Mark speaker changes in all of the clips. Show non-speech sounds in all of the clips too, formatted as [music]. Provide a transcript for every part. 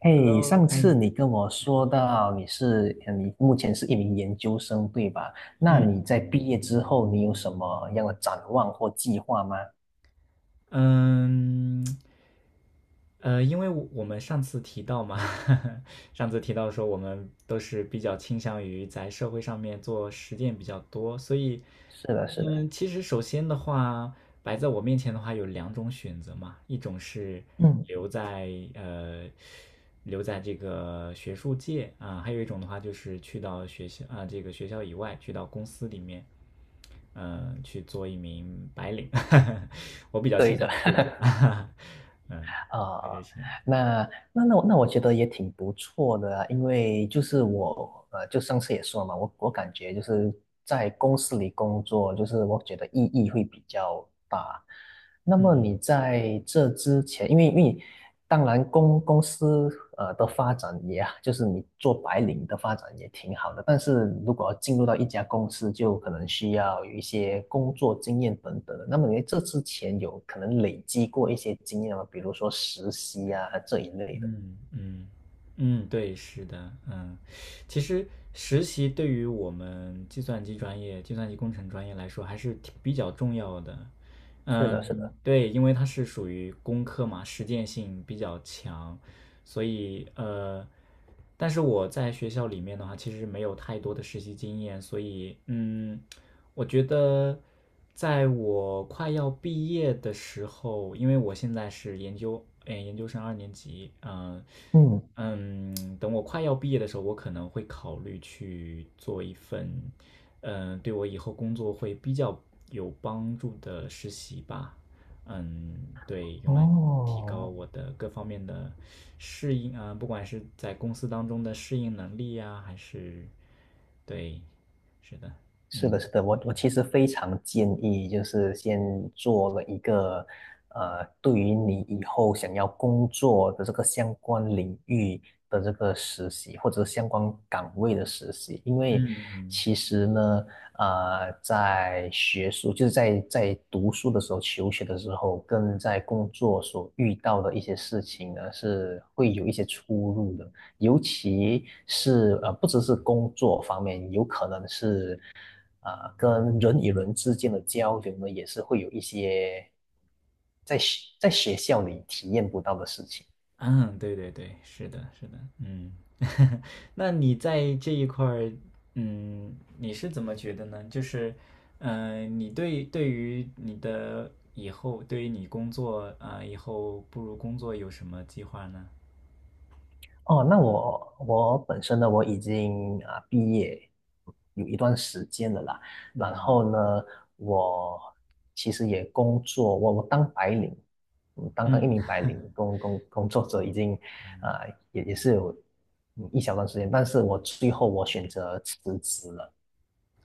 Speaker 1: 嘿，
Speaker 2: Hello，
Speaker 1: 上
Speaker 2: 哎，
Speaker 1: 次你跟我说到你是，你目前是一名研究生，对吧？那你
Speaker 2: 嗯，
Speaker 1: 在毕业之后，你有什么样的展望或计划吗？
Speaker 2: 嗯，因为我们上次提到嘛，[laughs] 上次提到说我们都是比较倾向于在社会上面做实践比较多，所以，
Speaker 1: 是的，是的。
Speaker 2: 嗯，其实首先的话，摆在我面前的话有两种选择嘛，一种是
Speaker 1: 嗯，
Speaker 2: 留在留在这个学术界啊，还有一种的话就是去到学校啊这个学校以外，去到公司里面。嗯，去做一名白领，[laughs] 我比较倾向于后者，[laughs] 嗯，我得
Speaker 1: 啊，
Speaker 2: 些，
Speaker 1: 那那我觉得也挺不错的啊，因为就是我,就上次也说了嘛，我感觉就是在公司里工作，就是我觉得意义会比较大。那么
Speaker 2: 嗯
Speaker 1: 你在这之前，因为当然公司的发展也，就是你做白领的发展也挺好的，但是如果要进入到一家公司，就可能需要有一些工作经验等等的。那么你在这之前有可能累积过一些经验吗？比如说实习啊这一类的。
Speaker 2: 嗯嗯嗯，对，是的，嗯，其实实习对于我们计算机专业、计算机工程专业来说还是挺比较重要的，
Speaker 1: 是的，是
Speaker 2: 嗯，
Speaker 1: 的。
Speaker 2: 对，因为它是属于工科嘛，实践性比较强，所以但是我在学校里面的话，其实没有太多的实习经验，所以嗯，我觉得在我快要毕业的时候，因为我现在是研究，哎，研究生二年级，嗯、
Speaker 1: 嗯，
Speaker 2: 嗯，等我快要毕业的时候，我可能会考虑去做一份，嗯，对我以后工作会比较有帮助的实习吧。嗯，对，用来提高
Speaker 1: 哦。
Speaker 2: 我的各方面的适应啊，不管是在公司当中的适应能力呀，还是，对，是的，
Speaker 1: 是的，
Speaker 2: 嗯
Speaker 1: 是的，我我其实非常建议，就是先做了一个，对于你以后想要工作的这个相关领域的这个实习，或者相关岗位的实习。因为
Speaker 2: 嗯
Speaker 1: 其实呢，在学术，就是在在读书的时候、求学的时候，跟在工作所遇到的一些事情呢，是会有一些出入的。尤其是,不只是工作方面，有可能是跟人与人之间的交流呢，也是会有一些在在学校里体验不到的事情。
Speaker 2: 嗯，对对对，是的，是的，嗯，[laughs] 那你在这一块儿，嗯，你是怎么觉得呢？就是，嗯，你对于你的以后，对于你工作啊，以后步入工作有什么计划呢？
Speaker 1: 哦，那我我本身呢，我已经毕业有一段时间了啦。然
Speaker 2: 嗯
Speaker 1: 后呢，我其实也工作，我我当白领，嗯，当当一
Speaker 2: 嗯，
Speaker 1: 名白领工作者已经啊、也也是有嗯一小段时间，但是我最后我选择辞职了。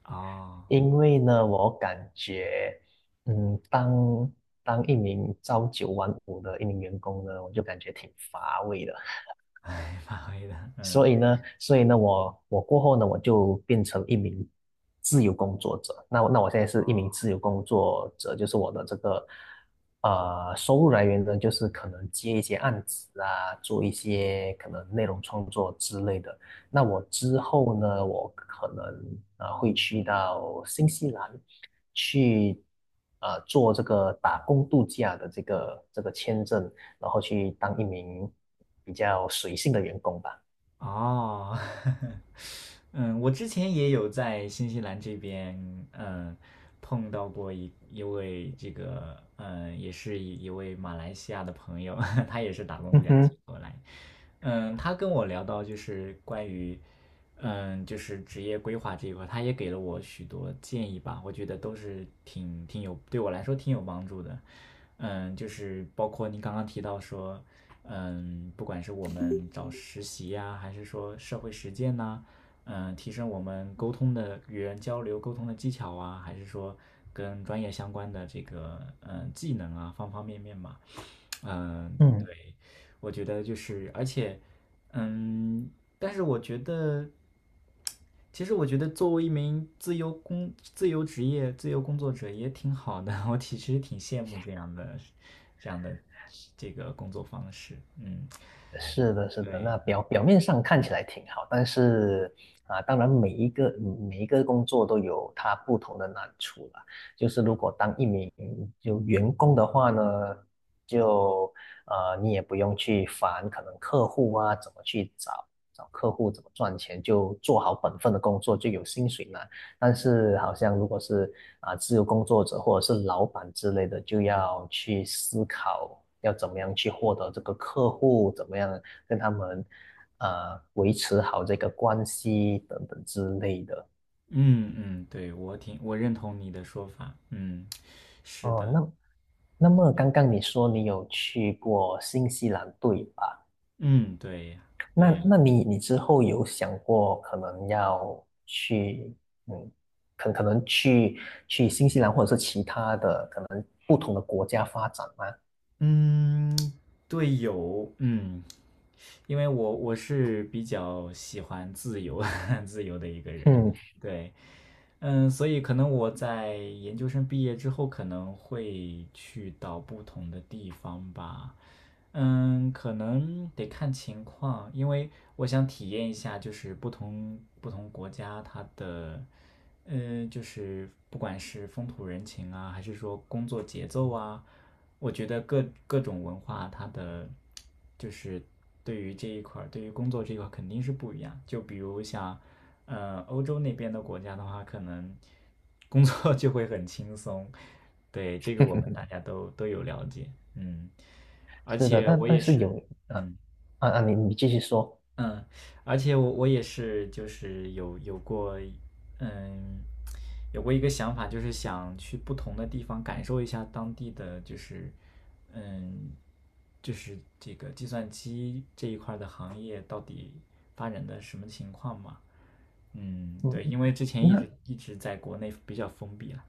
Speaker 2: 哦，
Speaker 1: 因为呢，我感觉，嗯，当一名朝九晚五的一名员工呢，我就感觉挺乏味的。
Speaker 2: [laughs] 哎，发挥的，嗯。
Speaker 1: 所以呢，所以呢，我我过后呢，我就变成一名自由工作者。那我现在是一名自由工作者，就是我的这个收入来源呢，就是可能接一些案子啊，做一些可能内容创作之类的。那我之后呢，我可能啊会去到新西兰去做这个打工度假的这个签证，然后去当一名比较随性的员工吧。
Speaker 2: 哦，[laughs] 嗯，我之前也有在新西兰这边，嗯，碰到过一位这个，嗯，也是一位马来西亚的朋友，[laughs] 他也是打工度
Speaker 1: 嗯
Speaker 2: 假期
Speaker 1: 哼。
Speaker 2: 过来。嗯，他跟我聊到就是关于，嗯，就是职业规划这一块，他也给了我许多建议吧，我觉得都是挺挺有对我来说挺有帮助的。嗯，就是包括您刚刚提到说，嗯，不管是我们找实习呀、还是说社会实践呐、嗯，提升我们沟通的与人交流沟通的技巧啊，还是说跟专业相关的这个嗯技能啊，方方面面嘛，嗯，
Speaker 1: 嗯，
Speaker 2: 对，我觉得就是，而且，嗯，但是我觉得，其实我觉得作为一名自由工、自由职业、自由工作者也挺好的，[laughs] 我其实挺羡慕这样的、这样的这个工作方式。嗯，
Speaker 1: 是的，是的。那
Speaker 2: 对，
Speaker 1: 表面上看起来挺好，但是啊，当然每一个工作都有它不同的难处啦。就是如果当一名就员工的话呢，就你也不用去烦可能客户啊，怎么去找客户，怎么赚钱，就做好本分的工作就有薪水拿。但是好像如果是自由工作者或者是老板之类的，就要去思考要怎么样去获得这个客户，怎么样跟他们维持好这个关系等等之类的。
Speaker 2: 嗯嗯，对，我挺我认同你的说法。嗯，是
Speaker 1: 哦，
Speaker 2: 的，
Speaker 1: 那那么刚刚你说你有去过新西兰，对吧？
Speaker 2: 嗯，对呀，
Speaker 1: 那
Speaker 2: 对呀，
Speaker 1: 那你之后有想过可能要去，嗯，可可能去去新西兰或者是其他的可能不同的国家发展吗？
Speaker 2: 嗯，对，有，嗯，因为我是比较喜欢自由 [laughs] 自由的一个人，
Speaker 1: 嗯，
Speaker 2: 对，嗯，所以可能我在研究生毕业之后，可能会去到不同的地方吧，嗯，可能得看情况，因为我想体验一下，就是不同国家它的，就是不管是风土人情啊，还是说工作节奏啊，我觉得各各种文化它的，就是对于这一块儿，对于工作这一块儿肯定是不一样。就比如像，欧洲那边的国家的话，可能工作 [laughs] 就会很轻松，对，这个我们大家都有了解，嗯。而
Speaker 1: 是的，
Speaker 2: 且
Speaker 1: 但
Speaker 2: 我
Speaker 1: 但
Speaker 2: 也
Speaker 1: 是有
Speaker 2: 是，
Speaker 1: 呃
Speaker 2: 嗯
Speaker 1: 啊啊，你你继续说。
Speaker 2: 嗯，而且我也是，就是有有过，嗯，有过一个想法，就是想去不同的地方感受一下当地的，就是嗯，就是这个计算机这一块儿的行业到底发展的什么情况嘛？嗯，
Speaker 1: 嗯，
Speaker 2: 对，因为之前
Speaker 1: 嗯，
Speaker 2: 一直
Speaker 1: 那
Speaker 2: 一直在国内比较封闭了，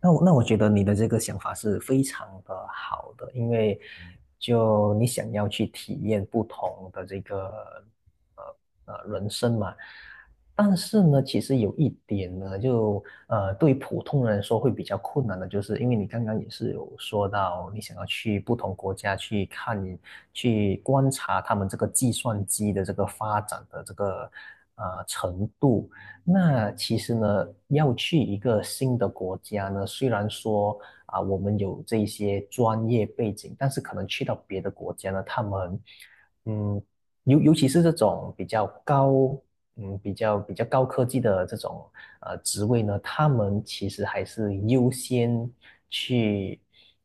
Speaker 1: 那我觉得你的这个想法是非常的好的，因为就你想要去体验不同的这个人生嘛。但是呢，其实有一点呢，对于普通人来说会比较困难的，就是因为你刚刚也是有说到，你想要去不同国家去看去观察他们这个计算机的这个发展的这个程度。那其实呢，要去一个新的国家呢，虽然说啊，我们有这一些专业背景，但是可能去到别的国家呢，他们，嗯，尤其是这种比较高，嗯，比较高科技的这种职位呢，他们其实还是优先去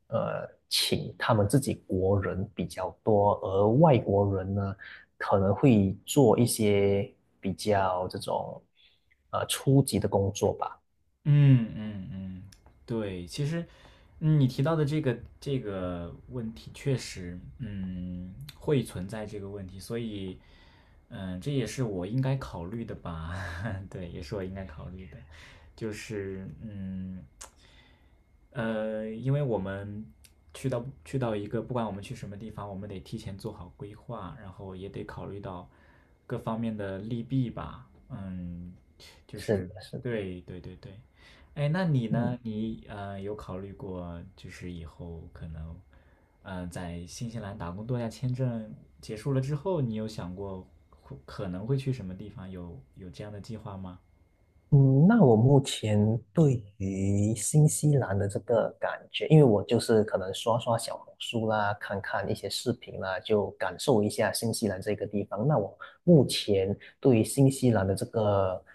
Speaker 1: 请他们自己国人比较多，而外国人呢，可能会做一些比较这种初级的工作吧。
Speaker 2: 嗯嗯嗯，对，其实，嗯你提到的这个问题，确实，嗯，会存在这个问题，所以，嗯，这也是我应该考虑的吧？[laughs] 对，也是我应该考虑的，就是，嗯。因为我们去到一个，不管我们去什么地方，我们得提前做好规划，然后也得考虑到各方面的利弊吧。嗯，就
Speaker 1: 是的，
Speaker 2: 是
Speaker 1: 是的。
Speaker 2: 对对对对。哎，那你
Speaker 1: 嗯，
Speaker 2: 呢？你有考虑过，就是以后可能，在新西兰打工度假签证结束了之后，你有想过会可能会去什么地方？有有这样的计划吗？
Speaker 1: 嗯，那我目前对于新西兰的这个感觉，因为我就是可能刷刷小红书啦，看看一些视频啦，就感受一下新西兰这个地方。那我目前对于新西兰的这个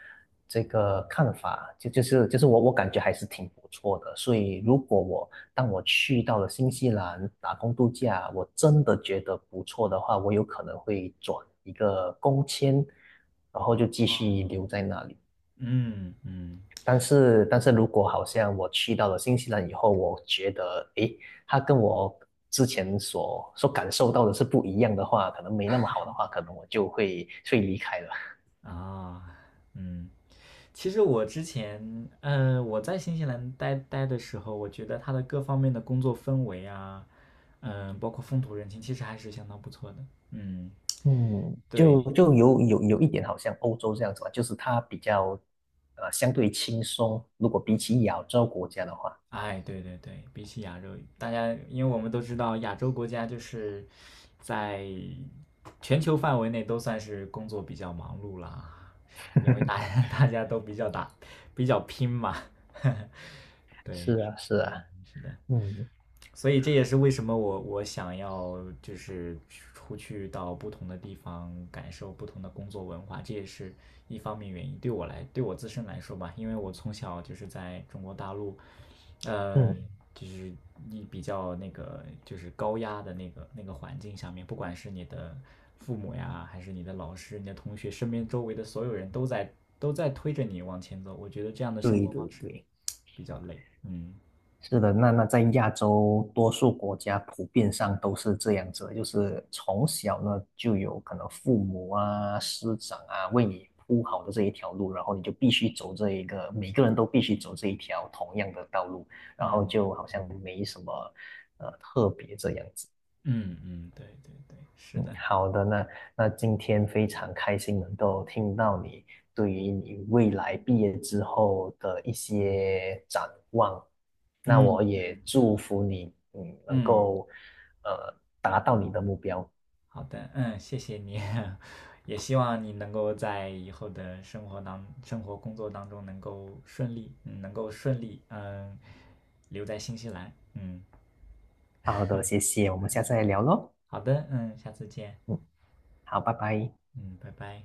Speaker 1: 看法，就是我我感觉还是挺不错的。所以如果我当我去到了新西兰打工度假，我真的觉得不错的话，我有可能会转一个工签，然后就继续留在那里。
Speaker 2: 嗯嗯
Speaker 1: 但是，但是如果好像我去到了新西兰以后，我觉得，诶，它跟我之前所感受到的是不一样的话，可能没那么好的话，可能我就会离开了。
Speaker 2: 啊嗯。其实我之前，我在新西兰待的时候，我觉得它的各方面的工作氛围啊，嗯、包括风土人情，其实还是相当不错的。嗯，
Speaker 1: 嗯，
Speaker 2: 对，
Speaker 1: 就有一点好像欧洲这样子吧，就是它比较相对轻松，如果比起亚洲国家的话。
Speaker 2: 哎，对对对，比起亚洲，大家因为我们都知道，亚洲国家就是在全球范围内都算是工作比较忙碌啦，因为大家 [laughs] 大家都比较打比较拼嘛。[laughs]
Speaker 1: 是
Speaker 2: 对，
Speaker 1: 啊是啊。嗯
Speaker 2: 所以这也是为什么我想要就是出去到不同的地方，感受不同的工作文化，这也是一方面原因。对我来，对我自身来说吧，因为我从小就是在中国大陆，呃，
Speaker 1: 嗯，
Speaker 2: 就是你比较那个就是高压的那个环境下面，不管是你的父母呀，还是你的老师、你的同学，身边周围的所有人都在都在推着你往前走。我觉得这样的生
Speaker 1: 对
Speaker 2: 活
Speaker 1: 对
Speaker 2: 方式
Speaker 1: 对。
Speaker 2: 比较累。嗯
Speaker 1: 是的，那那在亚洲多数国家普遍上都是这样子的，就是从小呢就有可能父母啊、师长啊为你铺好的这一条路，然后你就必须走这一个，每个人都必须走这一条同样的道路，
Speaker 2: 嗯
Speaker 1: 然后
Speaker 2: 嗯
Speaker 1: 就好像
Speaker 2: 嗯。
Speaker 1: 没什么。
Speaker 2: 嗯嗯，对对对，是
Speaker 1: 嗯，
Speaker 2: 的，
Speaker 1: 好的，那那今天非常开心能够听到你对于你未来毕业之后的一些展望。那
Speaker 2: 嗯
Speaker 1: 我也祝福你，嗯，能
Speaker 2: 嗯，
Speaker 1: 够呃达到你的目标。
Speaker 2: 好的，嗯，谢谢你，[laughs] 也希望你能够在以后的生活当、生活工作当中能够顺利，嗯，能够顺利，嗯，留在新西兰，嗯，
Speaker 1: 好的，谢谢，我们下次再聊喽。
Speaker 2: 好的，嗯，下次见，
Speaker 1: 嗯，好，拜拜。
Speaker 2: 嗯，拜拜。